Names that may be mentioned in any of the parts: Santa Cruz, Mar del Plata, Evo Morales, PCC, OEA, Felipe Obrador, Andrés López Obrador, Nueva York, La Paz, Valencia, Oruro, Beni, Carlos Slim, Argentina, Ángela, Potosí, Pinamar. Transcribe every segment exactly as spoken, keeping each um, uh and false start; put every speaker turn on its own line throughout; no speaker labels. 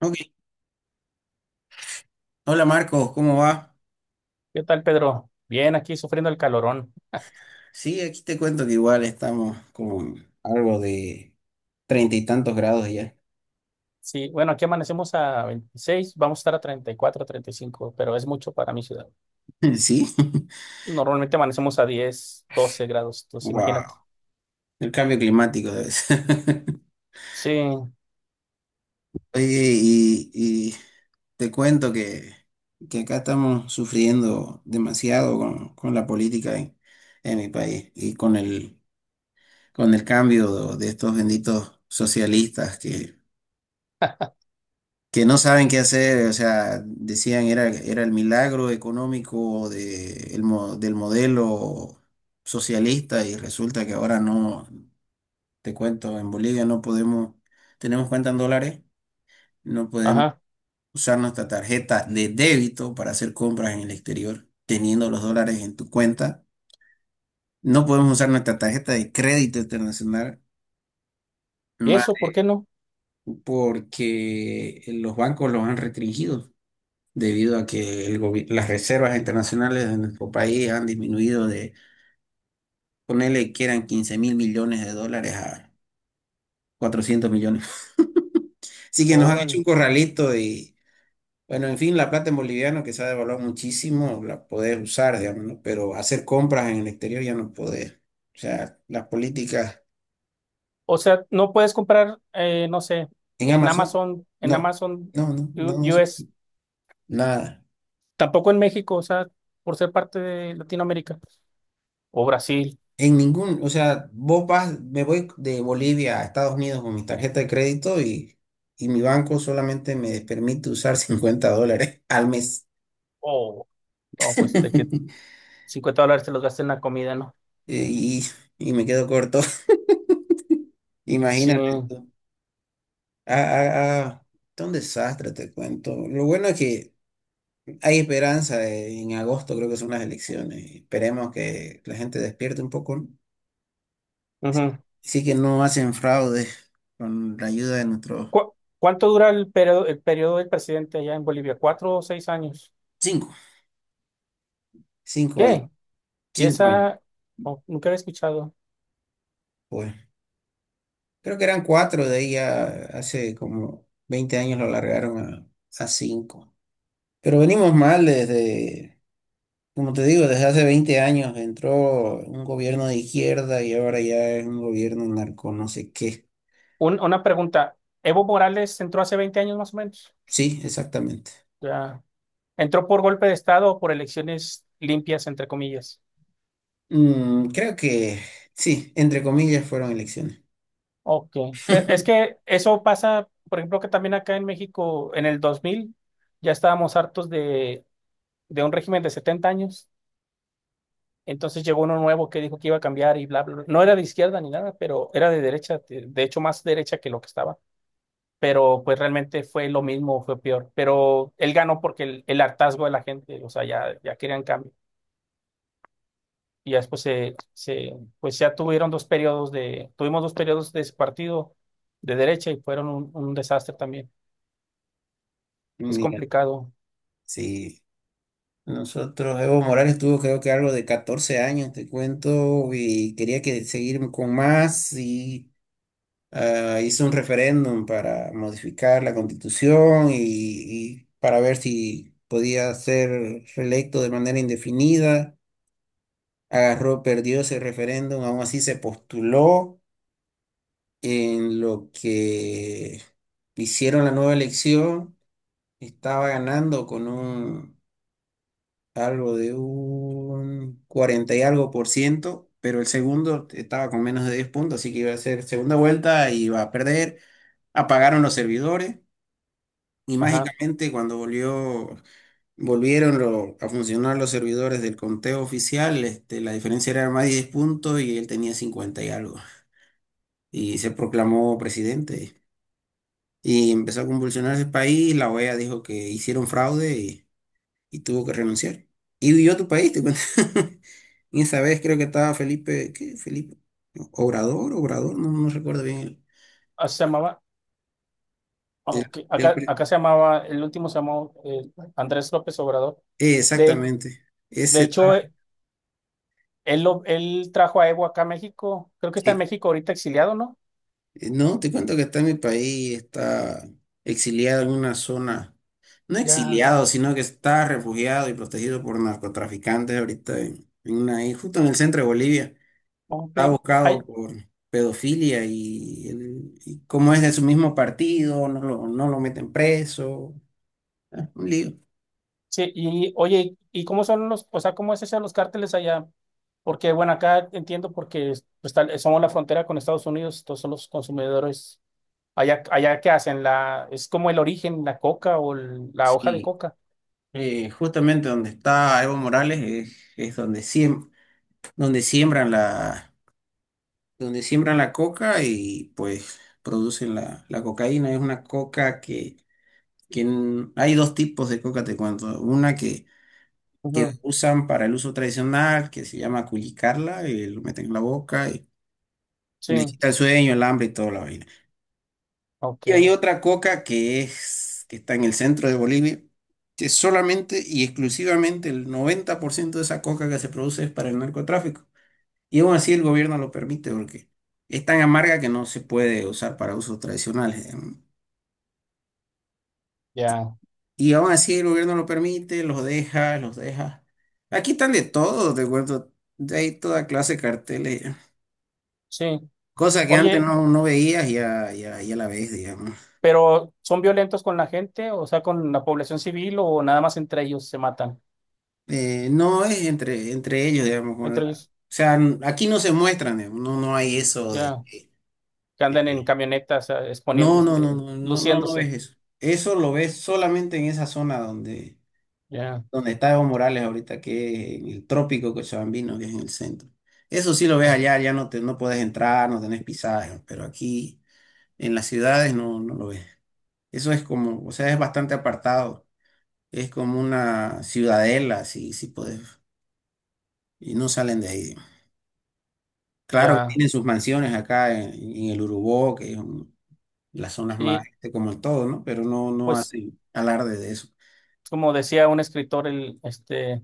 Ok. Hola Marcos, ¿cómo va?
¿Qué tal, Pedro? Bien, aquí sufriendo el calorón.
Sí, aquí te cuento que igual estamos con algo de treinta y tantos grados ya.
Sí, bueno, aquí amanecemos a veintiséis, vamos a estar a treinta y cuatro, treinta y cinco, pero es mucho para mi ciudad.
¿Sí?
Normalmente amanecemos a diez, doce grados, entonces imagínate.
Wow. El cambio climático debe ser.
Sí,
Oye, y, y te cuento que, que acá estamos sufriendo demasiado con, con la política en, en mi país y con el, con el cambio de estos benditos socialistas que no saben qué hacer. O sea, decían era, era el milagro económico de, el mo- del modelo socialista, y resulta que ahora no. Te cuento, en Bolivia no podemos, tenemos cuenta en dólares, no podemos
ajá.
usar nuestra tarjeta de débito para hacer compras en el exterior, teniendo los dólares en tu cuenta. No podemos usar nuestra tarjeta de crédito internacional.
¿Y
Más
eso por qué no?
porque los bancos los han restringido. Debido a que el gobi- las reservas internacionales de nuestro país han disminuido de... Ponele que eran quince mil millones de dólares a cuatrocientos millones. Así que nos han
Órale.
hecho un corralito y, bueno, en fin, la plata en boliviano, que se ha devaluado muchísimo, la podés usar, digamos, ¿no? Pero hacer compras en el exterior ya no podés. O sea, las políticas
O sea, no puedes comprar, eh, no sé,
en
en
Amazon,
Amazon, en
no,
Amazon
no, no, no,
U-
no, sé,
US,
nada.
tampoco en México, o sea, por ser parte de Latinoamérica o Brasil.
En ningún, o sea, vos vas, me voy de Bolivia a Estados Unidos con mi tarjeta de crédito, y, y mi banco solamente me permite usar cincuenta dólares al mes.
O no, pues de que cincuenta dólares te los gastes en la comida, ¿no?
Y, y me quedo corto.
Sí.
Imagínate tú. Ah, ah, ah, está un desastre, te cuento. Lo bueno es que hay esperanza. eh, En agosto creo que son las elecciones y esperemos que la gente despierte un poco, ¿no? Sí,
Ujú.
sí que no hacen fraude con la ayuda de nuestros
¿Cu- cuánto dura el periodo, el periodo del presidente allá en Bolivia? ¿Cuatro o seis años?
cinco, cinco años,
¿Qué? Y
cinco años.
esa... Oh, nunca había escuchado.
Pues creo que eran cuatro, de ahí ya hace como veinte años lo largaron a, a cinco. Pero venimos mal desde, como te digo, desde hace veinte años entró un gobierno de izquierda, y ahora ya es un gobierno narco, no sé qué.
Un- una pregunta. Evo Morales entró hace veinte años más o menos.
Sí, exactamente.
Ya. ¿Entró por golpe de Estado o por elecciones limpias, entre comillas?
Mm, creo que sí, entre comillas fueron elecciones.
Ok. Pero es que eso pasa, por ejemplo, que también acá en México, en el dos mil ya estábamos hartos de, de un régimen de setenta años. Entonces llegó uno nuevo que dijo que iba a cambiar y bla, bla, bla. No era de izquierda ni nada, pero era de derecha, de de hecho más derecha que lo que estaba. Pero pues realmente fue lo mismo, fue peor. Pero él ganó porque el, el hartazgo de la gente, o sea, ya, ya querían cambio. Y ya después se, se, pues ya tuvieron dos periodos de, tuvimos dos periodos de ese partido de derecha y fueron un, un desastre también. Es
Mira,
complicado.
sí. Nosotros, Evo Morales tuvo, creo que, algo de catorce años, te cuento, y quería que seguir con más, y ah, hizo un referéndum para modificar la constitución, y, y para ver si podía ser reelecto de manera indefinida. Agarró, perdió ese referéndum, aún así se postuló en lo que hicieron la nueva elección. Estaba ganando con un algo de un cuarenta y algo por ciento, pero el segundo estaba con menos de diez puntos, así que iba a ser segunda vuelta y iba a perder. Apagaron los servidores, y
Ajá.
mágicamente cuando volvió, volvieron lo- a funcionar los servidores del conteo oficial. Este, la diferencia era más de diez puntos y él tenía cincuenta y algo. Y se proclamó presidente. Y empezó a convulsionar el país. La oea dijo que hicieron fraude, y, y tuvo que renunciar. Y huyó a tu país, te cuento. Y esa vez creo que estaba Felipe... ¿Qué? Felipe, Obrador. Obrador, no, no recuerdo bien el,
Ah, se llamaba, oh,
el-
ok.
el
Acá,
pre-
acá se llamaba, el último se llamó eh, Andrés López Obrador.
eh,
De,
exactamente.
de
Ese
hecho,
estaba,
Él, lo, él trajo a Evo acá a México. Creo que está en
sí.
México ahorita exiliado, ¿no?
Eh, No, te cuento que está en mi país, está exiliado en una zona, no
Ya,
exiliado, sino que está refugiado y protegido por narcotraficantes ahorita en, en una isla, justo en el centro de Bolivia.
ok.
Está buscado
Ay,
por pedofilia, y, el- y como es de su mismo partido, no lo, no lo meten preso. Ah, un lío.
sí. Y oye, ¿y cómo son los, o sea, cómo es eso de los cárteles allá? Porque, bueno, acá entiendo porque pues, tal- somos la frontera con Estados Unidos, todos son los consumidores. Allá, allá, ¿qué hacen? La, es como el origen, la coca o el- la hoja de
Sí,
coca.
eh, justamente donde está Evo Morales es, es donde, siem- donde siembran la... donde siembran la coca, y pues producen la, la cocaína. Es una coca... que, que n- Hay dos tipos de coca, te cuento. Una que, que
Ujú.
usan para el uso tradicional, que se llama culicarla, y lo meten en la boca, y, y
Sí,
les quita el sueño, el hambre y toda la vaina.
ok,
Y hay otra coca que es, que está en el centro de Bolivia, que solamente y exclusivamente el noventa por ciento de esa coca que se produce es para el narcotráfico. Y aún así el gobierno lo permite porque es tan amarga que no se puede usar para usos tradicionales, digamos.
ya,
Y aún así el gobierno lo permite, los deja, los deja. Aquí están de todo, te cuento. De ahí toda clase de carteles.
sí.
Cosa que antes
Oye,
no, no veías, ya, ya, ya la ves, digamos.
pero ¿son violentos con la gente? O sea, ¿con la población civil o nada más entre ellos se matan?
Eh, no es entre, entre ellos, digamos. Con la-
Entre
o sea, n- aquí no se muestran, digamos. No, no hay eso de...
Ya,
que,
que andan en
eh,
camionetas eh, exponiendo,
no, no, no,
este,
no, no, no, no
luciéndose.
ves eso. Eso lo ves solamente en esa zona donde
Ya,
donde está Evo Morales ahorita, que es en el trópico cochabambino, que es en el centro. Eso sí lo ves
ya,
allá. Ya no te... No puedes entrar, no tenés pisaje, pero aquí en las ciudades no, no lo ves. Eso es como, o sea, es bastante apartado, es como una ciudadela, si, si podés, y no salen de ahí. Claro que
ya.
tienen sus mansiones acá en, en el Urubó, que es un- las zonas más,
Sí,
este, como en todo, ¿no? Pero no, no
pues
hacen alarde de eso.
como decía un escritor, el, este,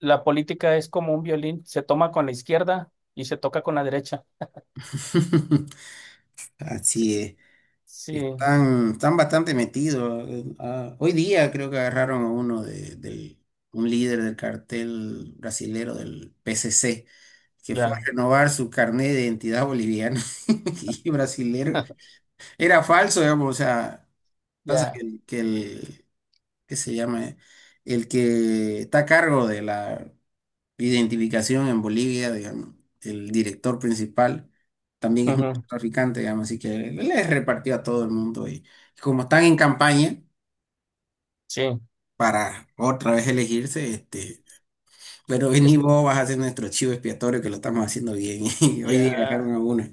la política es como un violín, se toma con la izquierda y se toca con la derecha. Sí,
Así es.
sí,
Están, están bastante metidos. Eh, ah, hoy día creo que agarraron a uno de, del- un líder del cartel brasilero del P C C, que fue a
ya,
renovar su carnet de identidad boliviana y brasilero. Era falso, digamos. O sea, pasa que,
ya,
el- que el, que se llama, el que está a cargo de la identificación en Bolivia, digamos, el director principal, también es un
ujú,
traficante, digamos. Así que le repartió a todo el mundo, y como están en campaña
sí,
para otra vez elegirse, este, pero vení,
es,
vos vas a ser nuestro chivo expiatorio, que lo estamos haciendo bien. Y hoy día agarraron
ya,
a uno.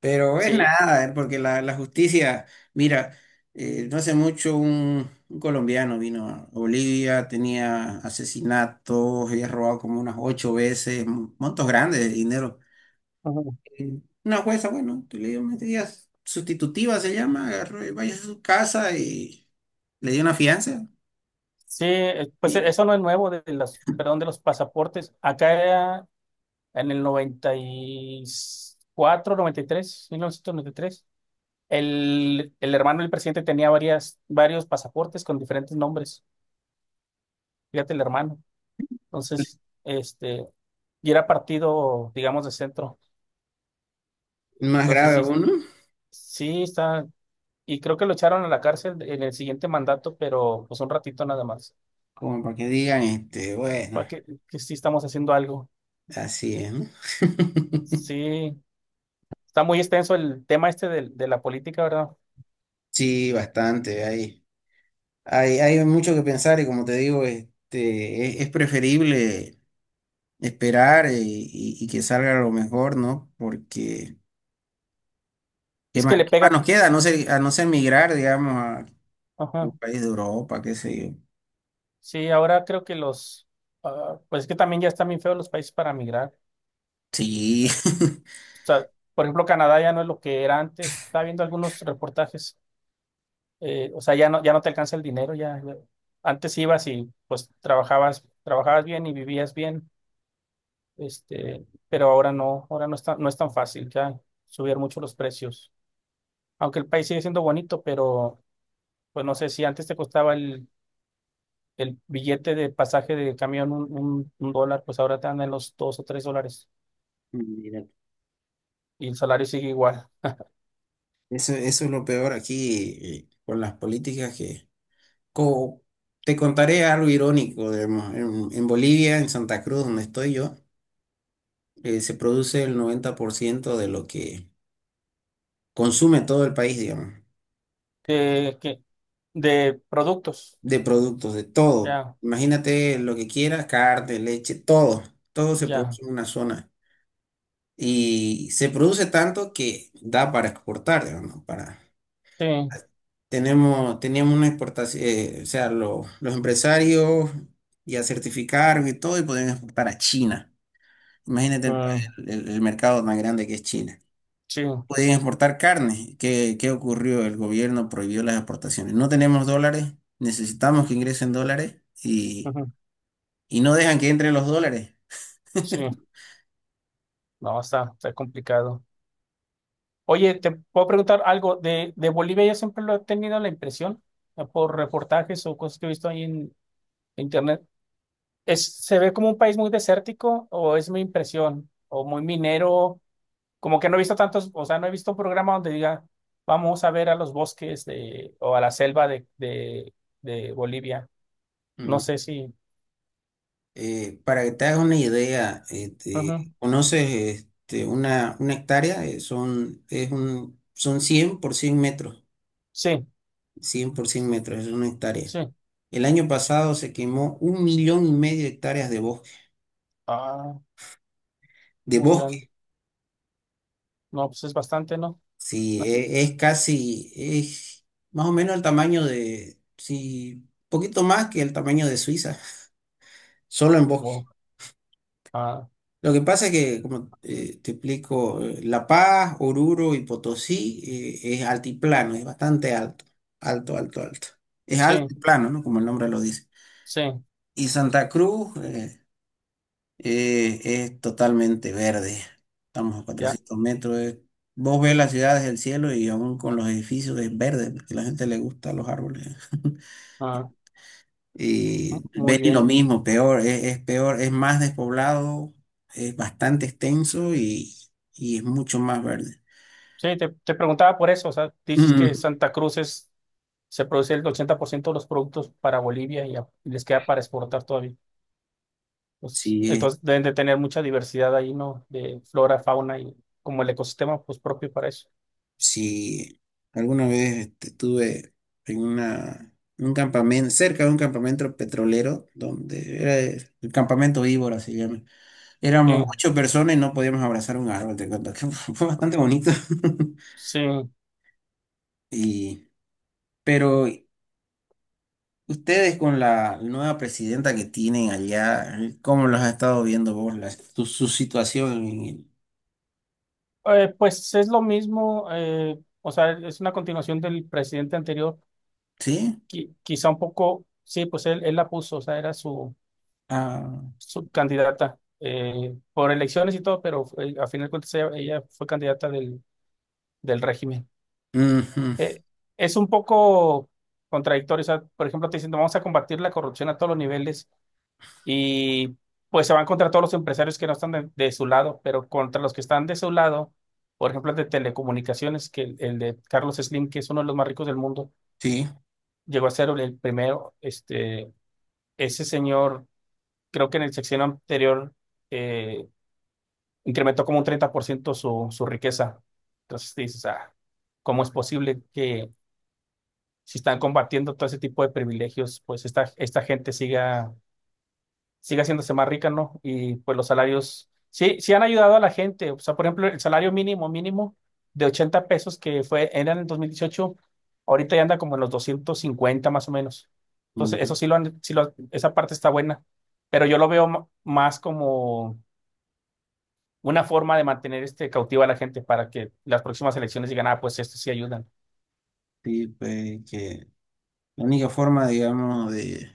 Pero es
sí.
nada, eh, porque la, la justicia, mira, eh, no hace mucho un, un colombiano vino a Bolivia, tenía asesinatos, había robado como unas ocho veces, mon- montos grandes de dinero.
Ujú.
Y una jueza, bueno, tú le dio medidas sustitutiva, se llama, agarró y vaya a su casa y le dio una fianza.
Sí, eh, pues e-
Y
eso no es nuevo de las, perdón, de los pasaportes. Acá en el noventa noventa y y cuatro, noventa y tres, mil novecientos noventa y tres, El, el hermano del presidente tenía varias, varios pasaportes con diferentes nombres. Fíjate, el hermano. Entonces, este, y era partido, digamos, de centro.
más
Entonces,
grave
sí,
aún, ¿no?
sí está. Y creo que lo echaron a la cárcel en el siguiente mandato, pero pues un ratito nada más.
Como para que digan, este, bueno,
Para que, que sí estamos haciendo algo.
así es, ¿no?
Sí, está muy extenso el tema este de, de la política, ¿verdad?
Sí, bastante ahí. Hay, hay mucho que pensar, y como te digo, este, es, es preferible esperar, eh, y, y que salga lo mejor, ¿no? Porque, ¿qué
Es
más,
que le
qué más
pega.
nos queda? A no ser, a no ser migrar, digamos, a un
Ajá.
país de Europa, qué sé yo.
Sí, ahora creo que los, ah, pues es que también ya están bien feos los países para migrar. O
Sí.
sea, por ejemplo, Canadá ya no es lo que era antes. Estaba viendo algunos reportajes. eh, o sea, ya no, ya no te alcanza el dinero. Ya, ya- antes ibas y pues trabajabas, trabajabas bien y vivías bien. Este, pero ahora no, ahora no está, no es tan fácil ya subir mucho los precios. Aunque el país sigue siendo bonito, pero pues no sé si antes te costaba el, el billete de pasaje de camión un, un, un dólar, pues ahora te dan en los dos o tres dólares.
Mira,
Y el salario sigue igual.
eso, eso es lo peor aquí, eh, con las políticas que... co- Te contaré algo irónico, digamos, en, en Bolivia, en Santa Cruz, donde estoy yo, eh, se produce el noventa por ciento de lo que consume todo el país, digamos.
De, que, de productos.
De productos, de todo.
Ya,
Imagínate lo que quieras: carne, leche, todo. Todo se
ya.
produce en una zona. Y se produce tanto que da para exportar, digamos, ¿no? Para...
Sí.
Tenemos, teníamos una exportación, eh, o sea, lo- los empresarios ya certificaron y todo, y podían exportar a China. Imagínate el,
Mm,
el- el mercado tan grande que es China.
sí.
Podían exportar carne. ¿Qué, qué ocurrió? El gobierno prohibió las exportaciones. No tenemos dólares, necesitamos que ingresen dólares,
Ujú,
y no dejan que entren los dólares.
sí. No, está, está complicado. Oye, te puedo preguntar algo. De, de Bolivia yo siempre lo he tenido la impresión, eh, por reportajes o cosas que he visto ahí en internet. Es, ¿se ve como un país muy desértico o es mi impresión? O muy minero. Como que no he visto tantos, o sea, no he visto un programa donde diga: vamos a ver a los bosques de, o a la selva de, de, de Bolivia. No
Mm.
sé si.
Eh, para que te hagas una idea, este,
Ujú,
conoces este, una, una hectárea. Eh, son, es un, son cien por cien metros.
sí,
Cien por cien metros es una hectárea.
sí.
El año pasado se quemó un millón y medio de hectáreas de bosque.
Ah,
De
muy grande.
bosque.
No, pues es bastante, ¿no?
Sí, e- es, casi, es más o menos el tamaño de, sí, poquito más que el tamaño de Suiza, solo en bosque.
Wow. Ah,
Lo que pasa es que, como... eh, te explico, eh, La Paz, Oruro y Potosí, eh, es altiplano, es bastante alto, alto, alto, alto. Es
sí,
alto y plano, ¿no? Como el nombre lo dice.
sí,
Y Santa Cruz, eh, eh, es totalmente verde. Estamos a
ya.
cuatrocientos metros. eh. Vos ves las ciudades del cielo y aún con los edificios es verde, porque a la gente le gustan los árboles.
Ah,
Y
m- muy
Beni lo
bien.
mismo. Peor, es, es peor, es más despoblado, es bastante extenso, y, y es mucho más verde.
Sí, te, te preguntaba por eso. O sea, dices que
Mm,
Santa Cruz es, se produce el ochenta por ciento de los productos para Bolivia y, a- y les queda para exportar todavía. Pues,
sí. Eh,
entonces deben de tener mucha diversidad ahí, ¿no? De flora, fauna y como el ecosistema pues propio para eso.
sí, alguna vez, este, estuve en una, un campamento, cerca de un campamento petrolero, donde era el el campamento víbora, se llama.
Sí,
Éramos ocho personas y no podíamos abrazar un árbol, te cuento que fue bastante bonito.
sí.
Y, pero Ustedes con la nueva presidenta que tienen allá, ¿cómo los has estado viendo vos la- su, su situación? en el-
Eh, pues es lo mismo, eh, o sea, es una continuación del presidente anterior,
¿Sí?
qui- quizá un poco, sí, pues él, él la puso, o sea, era su,
Ah,
su candidata eh, por elecciones y todo, pero eh, a final de cuentas ella, ella fue candidata del, del régimen.
ujú,
Eh, es un poco contradictorio, o sea, por ejemplo, te dicen: vamos a combatir la corrupción a todos los niveles y pues se van contra todos los empresarios que no están de, de su lado, pero contra los que están de su lado, por ejemplo, el de telecomunicaciones, que el, el de Carlos Slim, que es uno de los más ricos del mundo,
sí.
llegó a ser el primero, este, ese señor, creo que en el sexenio anterior, eh, incrementó como un treinta por ciento su, su riqueza. Entonces te dices: ah, ¿cómo es posible que si están combatiendo todo ese tipo de privilegios, pues esta, esta gente siga sigue haciéndose más rica? ¿No? Y pues los salarios, sí, sí han ayudado a la gente. O sea, por ejemplo, el salario mínimo, mínimo de ochenta pesos que fue, era en el dos mil dieciocho, ahorita ya anda como en los doscientos cincuenta más o menos. Entonces,
Ya,
eso sí lo han, sí lo, han- esa parte está buena, pero yo lo veo ma- más como una forma de mantener este cautiva a la gente para que las próximas elecciones digan: ah, pues esto sí ayudan.
sí, pues que la única forma, digamos, de,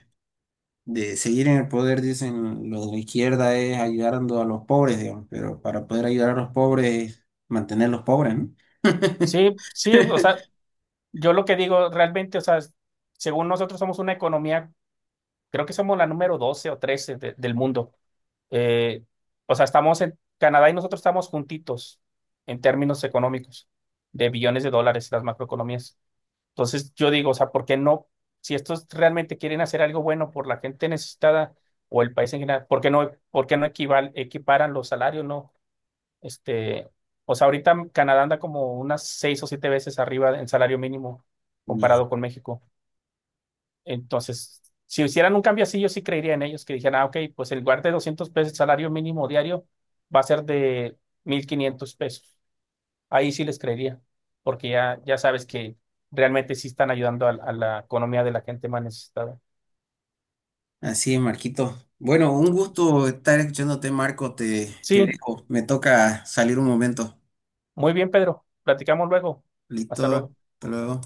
de seguir en el poder, dicen los de la izquierda, es ayudando a los pobres, digamos, pero para poder ayudar a los pobres es mantenerlos pobres, ¿no?
Sí, sí, o sea, yo lo que digo realmente, o sea, según nosotros somos una economía. Creo que somos la número doce o trece de- del mundo. Eh, o sea, estamos en Canadá y nosotros estamos juntitos en términos económicos de billones de dólares las macroeconomías. Entonces, yo digo, o sea, ¿por qué no? Si estos realmente quieren hacer algo bueno por la gente necesitada o el país en general, ¿por qué no, por qué no equival- equiparan los salarios? ¿No? Este, o sea, ahorita Canadá anda como unas seis o siete veces arriba en salario mínimo comparado con México. Entonces, si hicieran un cambio así, yo sí creería en ellos, que dijeran: ah, ok, pues el lugar de doscientos pesos, el salario mínimo diario va a ser de mil quinientos pesos. Ahí sí les creería, porque ya, ya sabes que realmente sí están ayudando a, a la economía de la gente más necesitada.
Así es, Marquito. Bueno, un gusto estar escuchándote, Marco. Te, te
Sí,
dejo. Me toca salir un momento.
muy bien, Pedro. Platicamos luego. Hasta
Listo.
luego.
Hasta luego.